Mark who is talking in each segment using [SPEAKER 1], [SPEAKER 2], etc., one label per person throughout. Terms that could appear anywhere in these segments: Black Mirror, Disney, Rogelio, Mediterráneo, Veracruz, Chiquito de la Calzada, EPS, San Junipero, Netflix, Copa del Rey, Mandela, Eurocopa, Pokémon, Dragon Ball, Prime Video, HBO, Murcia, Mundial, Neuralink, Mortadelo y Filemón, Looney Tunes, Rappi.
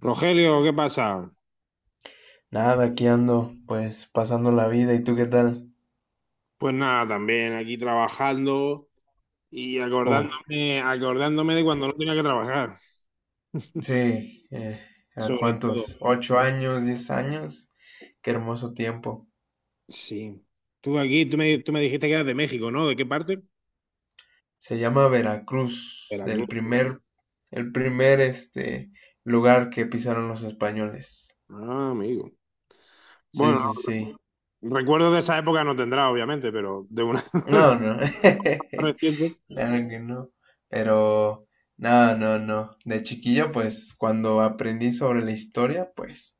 [SPEAKER 1] Rogelio, ¿qué pasa?
[SPEAKER 2] Nada, aquí ando, pues pasando la vida. ¿Y tú qué tal?
[SPEAKER 1] Pues nada, también aquí trabajando y
[SPEAKER 2] Uf,
[SPEAKER 1] acordándome, acordándome de cuando no tenía que trabajar,
[SPEAKER 2] sí, ¿a
[SPEAKER 1] sobre todo.
[SPEAKER 2] cuántos? ¿Ocho años, diez años? Qué hermoso tiempo.
[SPEAKER 1] Sí. Tú me dijiste que eras de México, ¿no? ¿De qué parte?
[SPEAKER 2] Se llama Veracruz,
[SPEAKER 1] Veracruz.
[SPEAKER 2] el primer, lugar que pisaron los españoles.
[SPEAKER 1] Ah, amigo.
[SPEAKER 2] Sí,
[SPEAKER 1] Bueno,
[SPEAKER 2] sí, sí.
[SPEAKER 1] recuerdos de esa época no tendrá, obviamente, pero de una
[SPEAKER 2] No, no,
[SPEAKER 1] reciente.
[SPEAKER 2] claro que no. Pero, no, no, no. De chiquillo, pues, cuando aprendí sobre la historia, pues,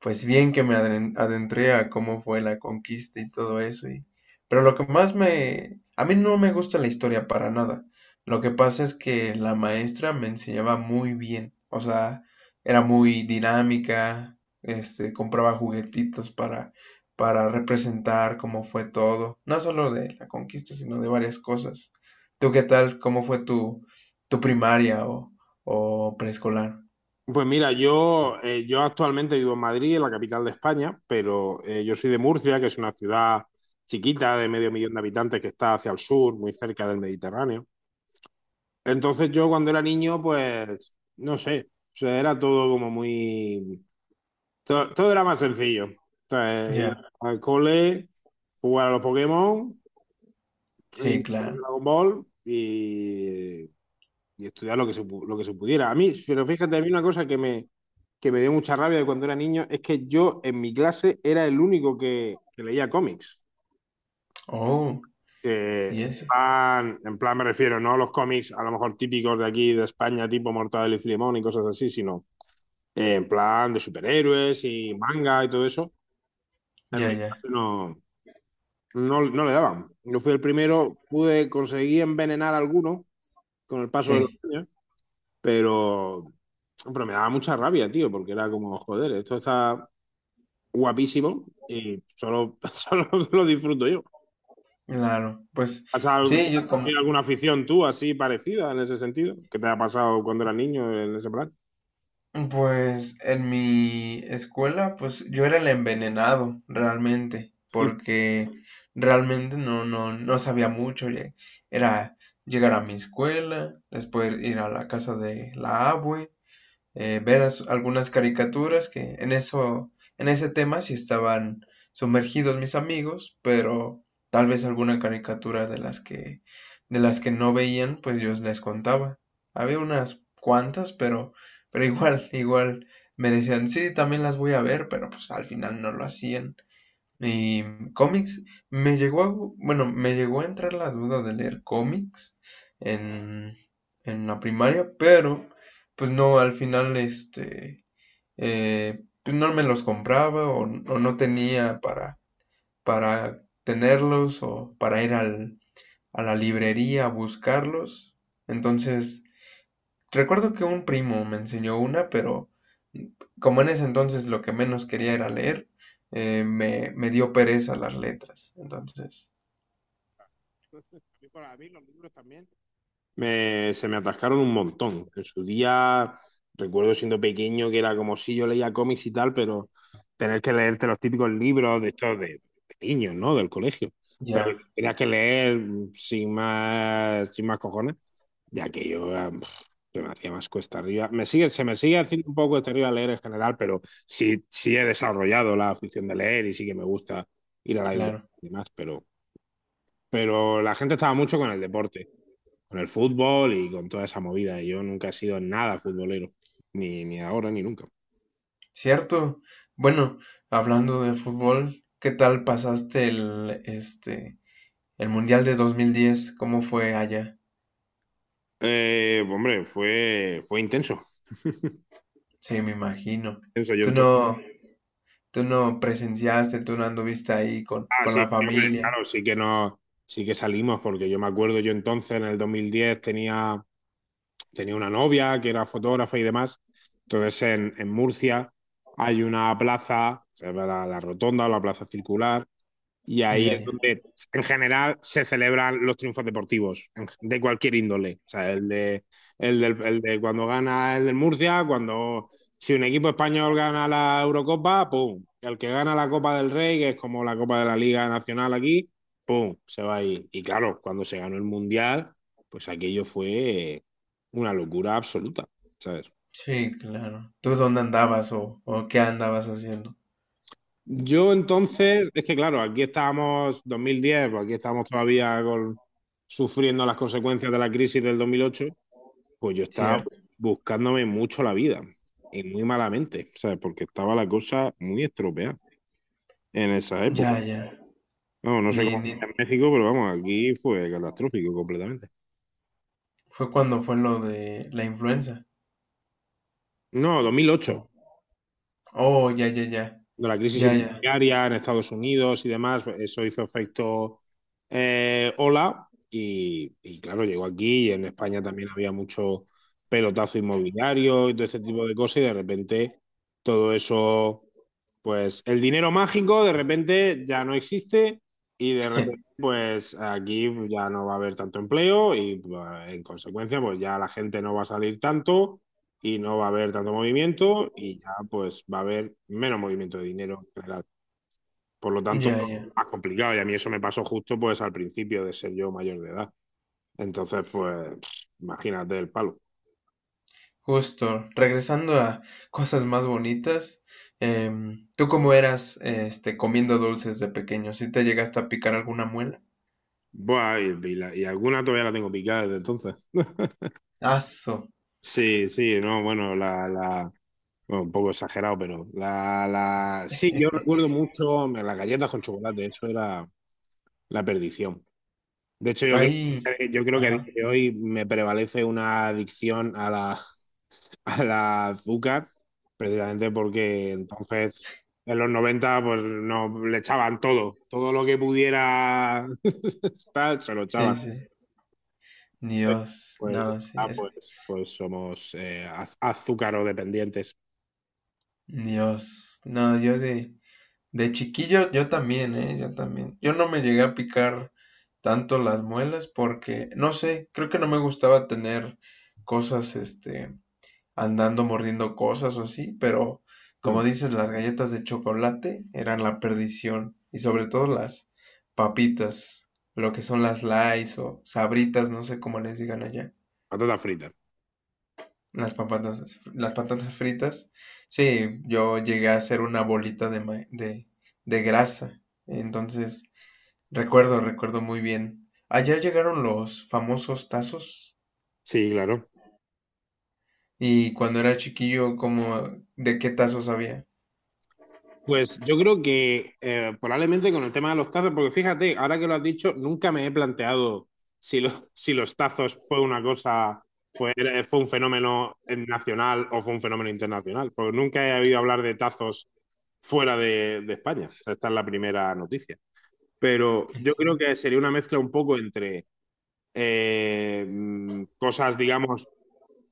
[SPEAKER 2] pues bien que adentré a cómo fue la conquista y todo eso y pero lo que más me a mí no me gusta la historia para nada. Lo que pasa es que la maestra me enseñaba muy bien, o sea, era muy dinámica, compraba juguetitos para representar cómo fue todo, no solo de la conquista, sino de varias cosas. ¿Tú qué tal? ¿Cómo fue tu primaria o preescolar?
[SPEAKER 1] Pues mira, yo actualmente vivo en Madrid, en la capital de España, pero yo soy de Murcia, que es una ciudad chiquita de medio millón de habitantes que está hacia el sur, muy cerca del Mediterráneo. Entonces yo cuando era niño, pues, no sé, o sea, era todo como muy... Todo era más sencillo. Entonces, ir
[SPEAKER 2] Ya.
[SPEAKER 1] al cole, jugar a los Pokémon y
[SPEAKER 2] Sí, claro.
[SPEAKER 1] Dragon Ball y estudiar lo que se pudiera. Pero fíjate, a mí una cosa que me dio mucha rabia de cuando era niño es que yo en mi clase era el único que leía cómics.
[SPEAKER 2] Oh,
[SPEAKER 1] Que
[SPEAKER 2] y
[SPEAKER 1] en
[SPEAKER 2] eso.
[SPEAKER 1] plan, en plan me refiero, no a los cómics a lo mejor típicos de aquí, de España, tipo Mortadelo y Filemón y cosas así, sino en plan de superhéroes y manga y todo eso, en
[SPEAKER 2] Ya,
[SPEAKER 1] mi
[SPEAKER 2] ya,
[SPEAKER 1] clase no, no, no le daban. Yo fui el primero, pude conseguir envenenar a alguno con el paso de los
[SPEAKER 2] sí,
[SPEAKER 1] años, pero, pero me daba mucha rabia, tío, porque era como, joder, esto está guapísimo y solo, solo lo disfruto yo.
[SPEAKER 2] claro. Pues
[SPEAKER 1] ¿Has al-
[SPEAKER 2] sí,
[SPEAKER 1] Tenido alguna afición tú así parecida en ese sentido? ¿Qué te ha pasado cuando eras niño en ese plan?
[SPEAKER 2] pues en mi escuela, pues yo era el envenenado realmente, porque realmente no, no, no sabía mucho. Era llegar a mi escuela, después ir a la casa de la abue, ver algunas caricaturas que en ese tema sí estaban sumergidos mis amigos, pero tal vez alguna caricatura de las que no veían, pues yo les contaba. Había unas cuantas, pero igual, igual me decían, sí, también las voy a ver, pero pues al final no lo hacían. Y cómics, me llegó a, gu- bueno, me llegó a entrar la duda de leer cómics en, en la primaria, pero pues no, al final pues no me los compraba o no tenía para tenerlos o para ir a la librería a buscarlos. Entonces, recuerdo que un primo me enseñó una, pero como en ese entonces lo que menos quería era leer, me dio pereza las letras. Entonces,
[SPEAKER 1] A Para mí los libros también. Se me atascaron un montón. En su día, recuerdo siendo pequeño que era como si yo leía cómics y tal, pero tener que leerte los típicos libros de estos de niños, ¿no? Del colegio. Pero
[SPEAKER 2] ya,
[SPEAKER 1] tenías que leer sin más, sin más cojones, ya que yo se me hacía más cuesta arriba. Se me sigue haciendo un poco cuesta arriba leer en general, pero sí, sí he desarrollado la afición de leer y sí que me gusta ir a la biblioteca
[SPEAKER 2] claro.
[SPEAKER 1] y demás, pero la gente estaba mucho con el deporte con el fútbol y con toda esa movida. Yo nunca he sido nada futbolero, ni ahora ni nunca.
[SPEAKER 2] Cierto. Bueno, hablando de fútbol, ¿qué tal pasaste el Mundial de 2010? ¿Cómo fue allá?
[SPEAKER 1] Hombre, fue intenso.
[SPEAKER 2] Sí, me imagino.
[SPEAKER 1] Intenso. Yo
[SPEAKER 2] Tú
[SPEAKER 1] entonces,
[SPEAKER 2] no, tú no presenciaste, tú no anduviste ahí con
[SPEAKER 1] sí,
[SPEAKER 2] la
[SPEAKER 1] sí, hombre,
[SPEAKER 2] familia.
[SPEAKER 1] claro, sí que no, sí que salimos, porque yo me acuerdo, yo entonces en el 2010 tenía una novia que era fotógrafa y demás. Entonces en Murcia hay una plaza, se llama la rotonda o la plaza circular. Y ahí
[SPEAKER 2] Ya,
[SPEAKER 1] es
[SPEAKER 2] ya.
[SPEAKER 1] donde, en general, se celebran los triunfos deportivos, de cualquier índole. O sea, el de cuando gana el del Murcia, cuando si un equipo español gana la Eurocopa, ¡pum! El que gana la Copa del Rey, que es como la Copa de la Liga Nacional aquí, ¡pum! Se va ahí. Y claro, cuando se ganó el Mundial, pues aquello fue una locura absoluta, ¿sabes?
[SPEAKER 2] Sí, claro. ¿Tú dónde andabas o qué andabas haciendo?
[SPEAKER 1] Yo entonces, es que claro, aquí estábamos 2010, pues aquí estamos todavía sufriendo las consecuencias de la crisis del 2008. Pues yo estaba
[SPEAKER 2] Cierto.
[SPEAKER 1] buscándome mucho la vida y muy malamente, ¿sabes? Porque estaba la cosa muy estropeada en esa época.
[SPEAKER 2] Ya, ya.
[SPEAKER 1] No, no sé
[SPEAKER 2] Ni,
[SPEAKER 1] cómo
[SPEAKER 2] ni...
[SPEAKER 1] era en México, pero vamos, aquí fue catastrófico completamente.
[SPEAKER 2] fue cuando fue lo de la influenza.
[SPEAKER 1] No, 2008,
[SPEAKER 2] Oh, ya, ya, ya.
[SPEAKER 1] de la crisis
[SPEAKER 2] Ya, ya.
[SPEAKER 1] inmobiliaria en Estados Unidos y demás, pues, eso hizo efecto ola y, claro, llegó aquí y en España también había mucho pelotazo inmobiliario y todo ese tipo de cosas y de repente todo eso, pues el dinero mágico de repente ya no existe y de repente pues aquí ya no va a haber tanto empleo y pues, en consecuencia, pues ya la gente no va a salir tanto y no va a haber tanto movimiento y ya pues va a haber menos movimiento de dinero en general. Por lo tanto,
[SPEAKER 2] Ya, ya.
[SPEAKER 1] es más complicado y a mí eso me pasó justo pues al principio de ser yo mayor de edad. Entonces pues imagínate el palo.
[SPEAKER 2] Justo. Regresando a cosas más bonitas. ¿Tú cómo eras comiendo dulces de pequeño? ¿Sí te llegaste a picar alguna muela?
[SPEAKER 1] Buah, y alguna todavía la tengo picada desde entonces.
[SPEAKER 2] Aso.
[SPEAKER 1] Sí, sí, no, bueno, bueno, un poco exagerado, pero sí, yo recuerdo mucho las galletas con chocolate, eso era la perdición. De hecho, yo creo,
[SPEAKER 2] Ahí.
[SPEAKER 1] yo creo que a día
[SPEAKER 2] Ajá.
[SPEAKER 1] de hoy me prevalece una adicción a la, a la azúcar, precisamente porque entonces en los 90 pues no le echaban todo, todo lo que pudiera estar, se lo
[SPEAKER 2] Sí,
[SPEAKER 1] echaban.
[SPEAKER 2] sí.
[SPEAKER 1] Entonces,
[SPEAKER 2] Dios.
[SPEAKER 1] pues,
[SPEAKER 2] No, sí. Es...
[SPEAKER 1] pues somos azucarodependientes.
[SPEAKER 2] Dios. No, yo sí. De chiquillo yo también, ¿eh? Yo también. Yo no me llegué a picar tanto las muelas porque, no sé, creo que no me gustaba tener cosas, este, andando mordiendo cosas o así, pero
[SPEAKER 1] Mm,
[SPEAKER 2] como dices, las galletas de chocolate eran la perdición y sobre todo las papitas, lo que son las Lays o sabritas, no sé cómo les digan allá,
[SPEAKER 1] patatas fritas.
[SPEAKER 2] las patatas fritas. Sí, yo llegué a hacer una bolita de grasa, entonces... Recuerdo, recuerdo muy bien. Allá llegaron los famosos tazos
[SPEAKER 1] Sí, claro.
[SPEAKER 2] y cuando era chiquillo, como de qué tazos había.
[SPEAKER 1] Pues yo creo que probablemente con el tema de los tazos, porque fíjate, ahora que lo has dicho, nunca me he planteado si los tazos fue una cosa, fue un fenómeno nacional o fue un fenómeno internacional, porque nunca he oído hablar de tazos fuera de España. O sea, esta es la primera noticia. Pero yo creo que sería una mezcla un poco entre cosas, digamos,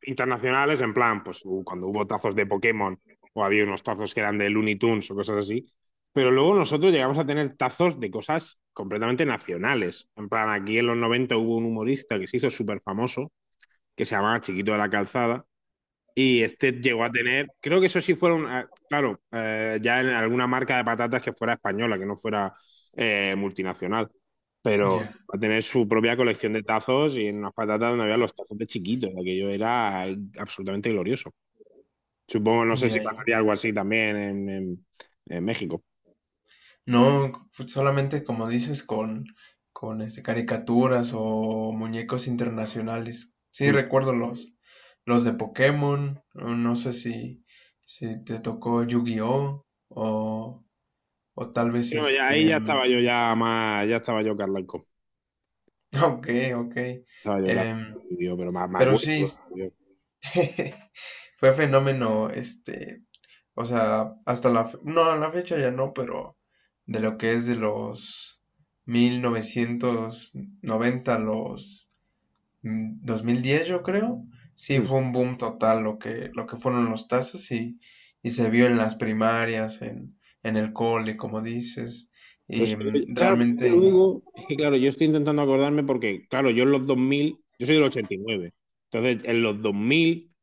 [SPEAKER 1] internacionales, en plan, pues cuando hubo tazos de Pokémon o había unos tazos que eran de Looney Tunes o cosas así, pero luego nosotros llegamos a tener tazos de cosas completamente nacionales. En plan, aquí en los 90 hubo un humorista que se hizo súper famoso, que se llamaba Chiquito de la Calzada, y este llegó a tener, creo que eso sí fueron, claro, ya en alguna marca de patatas que fuera española, que no fuera multinacional, pero
[SPEAKER 2] Ya,
[SPEAKER 1] va a tener su propia colección de tazos, y en unas patatas donde había los tazos de chiquitos, aquello era absolutamente glorioso. Supongo, no sé si
[SPEAKER 2] ya, ya.
[SPEAKER 1] pasaría algo así también en México.
[SPEAKER 2] No, pues, solamente como dices con caricaturas o muñecos internacionales. Sí,
[SPEAKER 1] Hmm.
[SPEAKER 2] recuerdo los de Pokémon, o no sé si te tocó Yu-Gi-Oh o tal vez
[SPEAKER 1] Pero ahí ya estaba yo ya más, ya estaba yo Carlanco,
[SPEAKER 2] ok, ok.
[SPEAKER 1] estaba yo era-
[SPEAKER 2] Em,
[SPEAKER 1] yo, pero más, más
[SPEAKER 2] pero
[SPEAKER 1] gordo,
[SPEAKER 2] sí,
[SPEAKER 1] tío.
[SPEAKER 2] fue fenómeno, o sea, no, a la fecha ya no, pero de lo que es de los 1990 a los 2010 yo creo, sí fue un boom total lo que fueron los tazos y se vio en las primarias, en el cole, como dices,
[SPEAKER 1] Pues,
[SPEAKER 2] y
[SPEAKER 1] claro, porque
[SPEAKER 2] realmente,
[SPEAKER 1] luego, es que claro, yo estoy intentando acordarme porque, claro, yo en los 2000 yo soy del 89, entonces en los 2000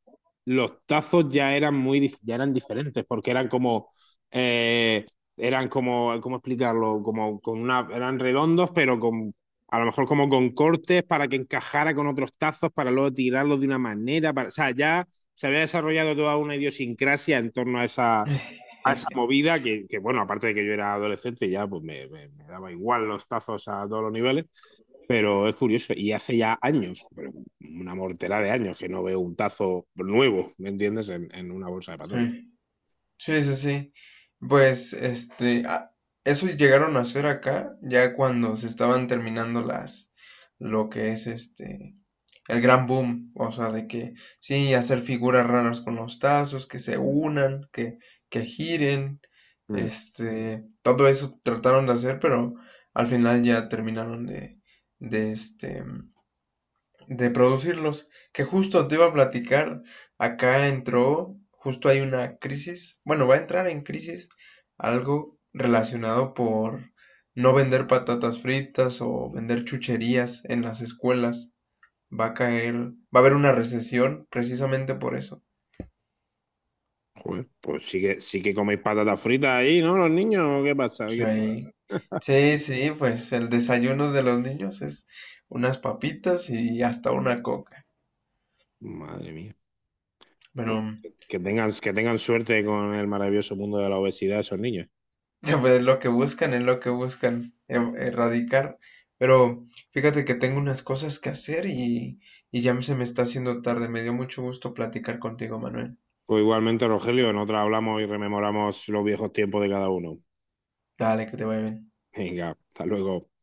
[SPEAKER 1] los tazos ya eran ya eran diferentes porque eh, eran como, ¿cómo explicarlo? Como con una, eran redondos, pero con, a lo mejor como con cortes para que encajara con otros tazos para luego tirarlos de una manera, para, o sea, ya se había desarrollado toda una idiosincrasia en torno a esa movida que, bueno, aparte de que yo era adolescente, ya pues me daba igual los tazos a todos los niveles, pero es curioso. Y hace ya años, pero una mortera de años, que no veo un tazo nuevo, ¿me entiendes?, en una bolsa de patatas.
[SPEAKER 2] sí, sí, sí. Pues, este, a- Eso llegaron a hacer acá, ya cuando se estaban terminando las, lo que es el gran boom, o sea, de que sí, hacer figuras raras con los tazos, que se unan, que giren,
[SPEAKER 1] Mm,
[SPEAKER 2] todo eso trataron de hacer, pero al final ya terminaron de este, de producirlos. Que justo te iba a platicar, acá entró, justo hay una crisis, bueno, va a entrar en crisis algo relacionado por no vender patatas fritas o vender chucherías en las escuelas. Va a caer, va a haber una recesión precisamente por eso.
[SPEAKER 1] joder, pues sí que coméis patatas fritas ahí, ¿no? Los niños, ¿qué pasa? ¿Qué...
[SPEAKER 2] Sí, sí, sí, pues el desayuno de los niños es unas papitas y hasta una coca.
[SPEAKER 1] Madre mía.
[SPEAKER 2] Pero
[SPEAKER 1] Pues que tengan suerte con el maravilloso mundo de la obesidad esos niños.
[SPEAKER 2] pues es lo que buscan, es lo que buscan erradicar. Pero fíjate que tengo unas cosas que hacer y ya se me está haciendo tarde. Me dio mucho gusto platicar contigo, Manuel.
[SPEAKER 1] Pues igualmente, Rogelio, en otra hablamos y rememoramos los viejos tiempos de cada uno.
[SPEAKER 2] Dale, que te vaya bien.
[SPEAKER 1] Venga, hasta luego.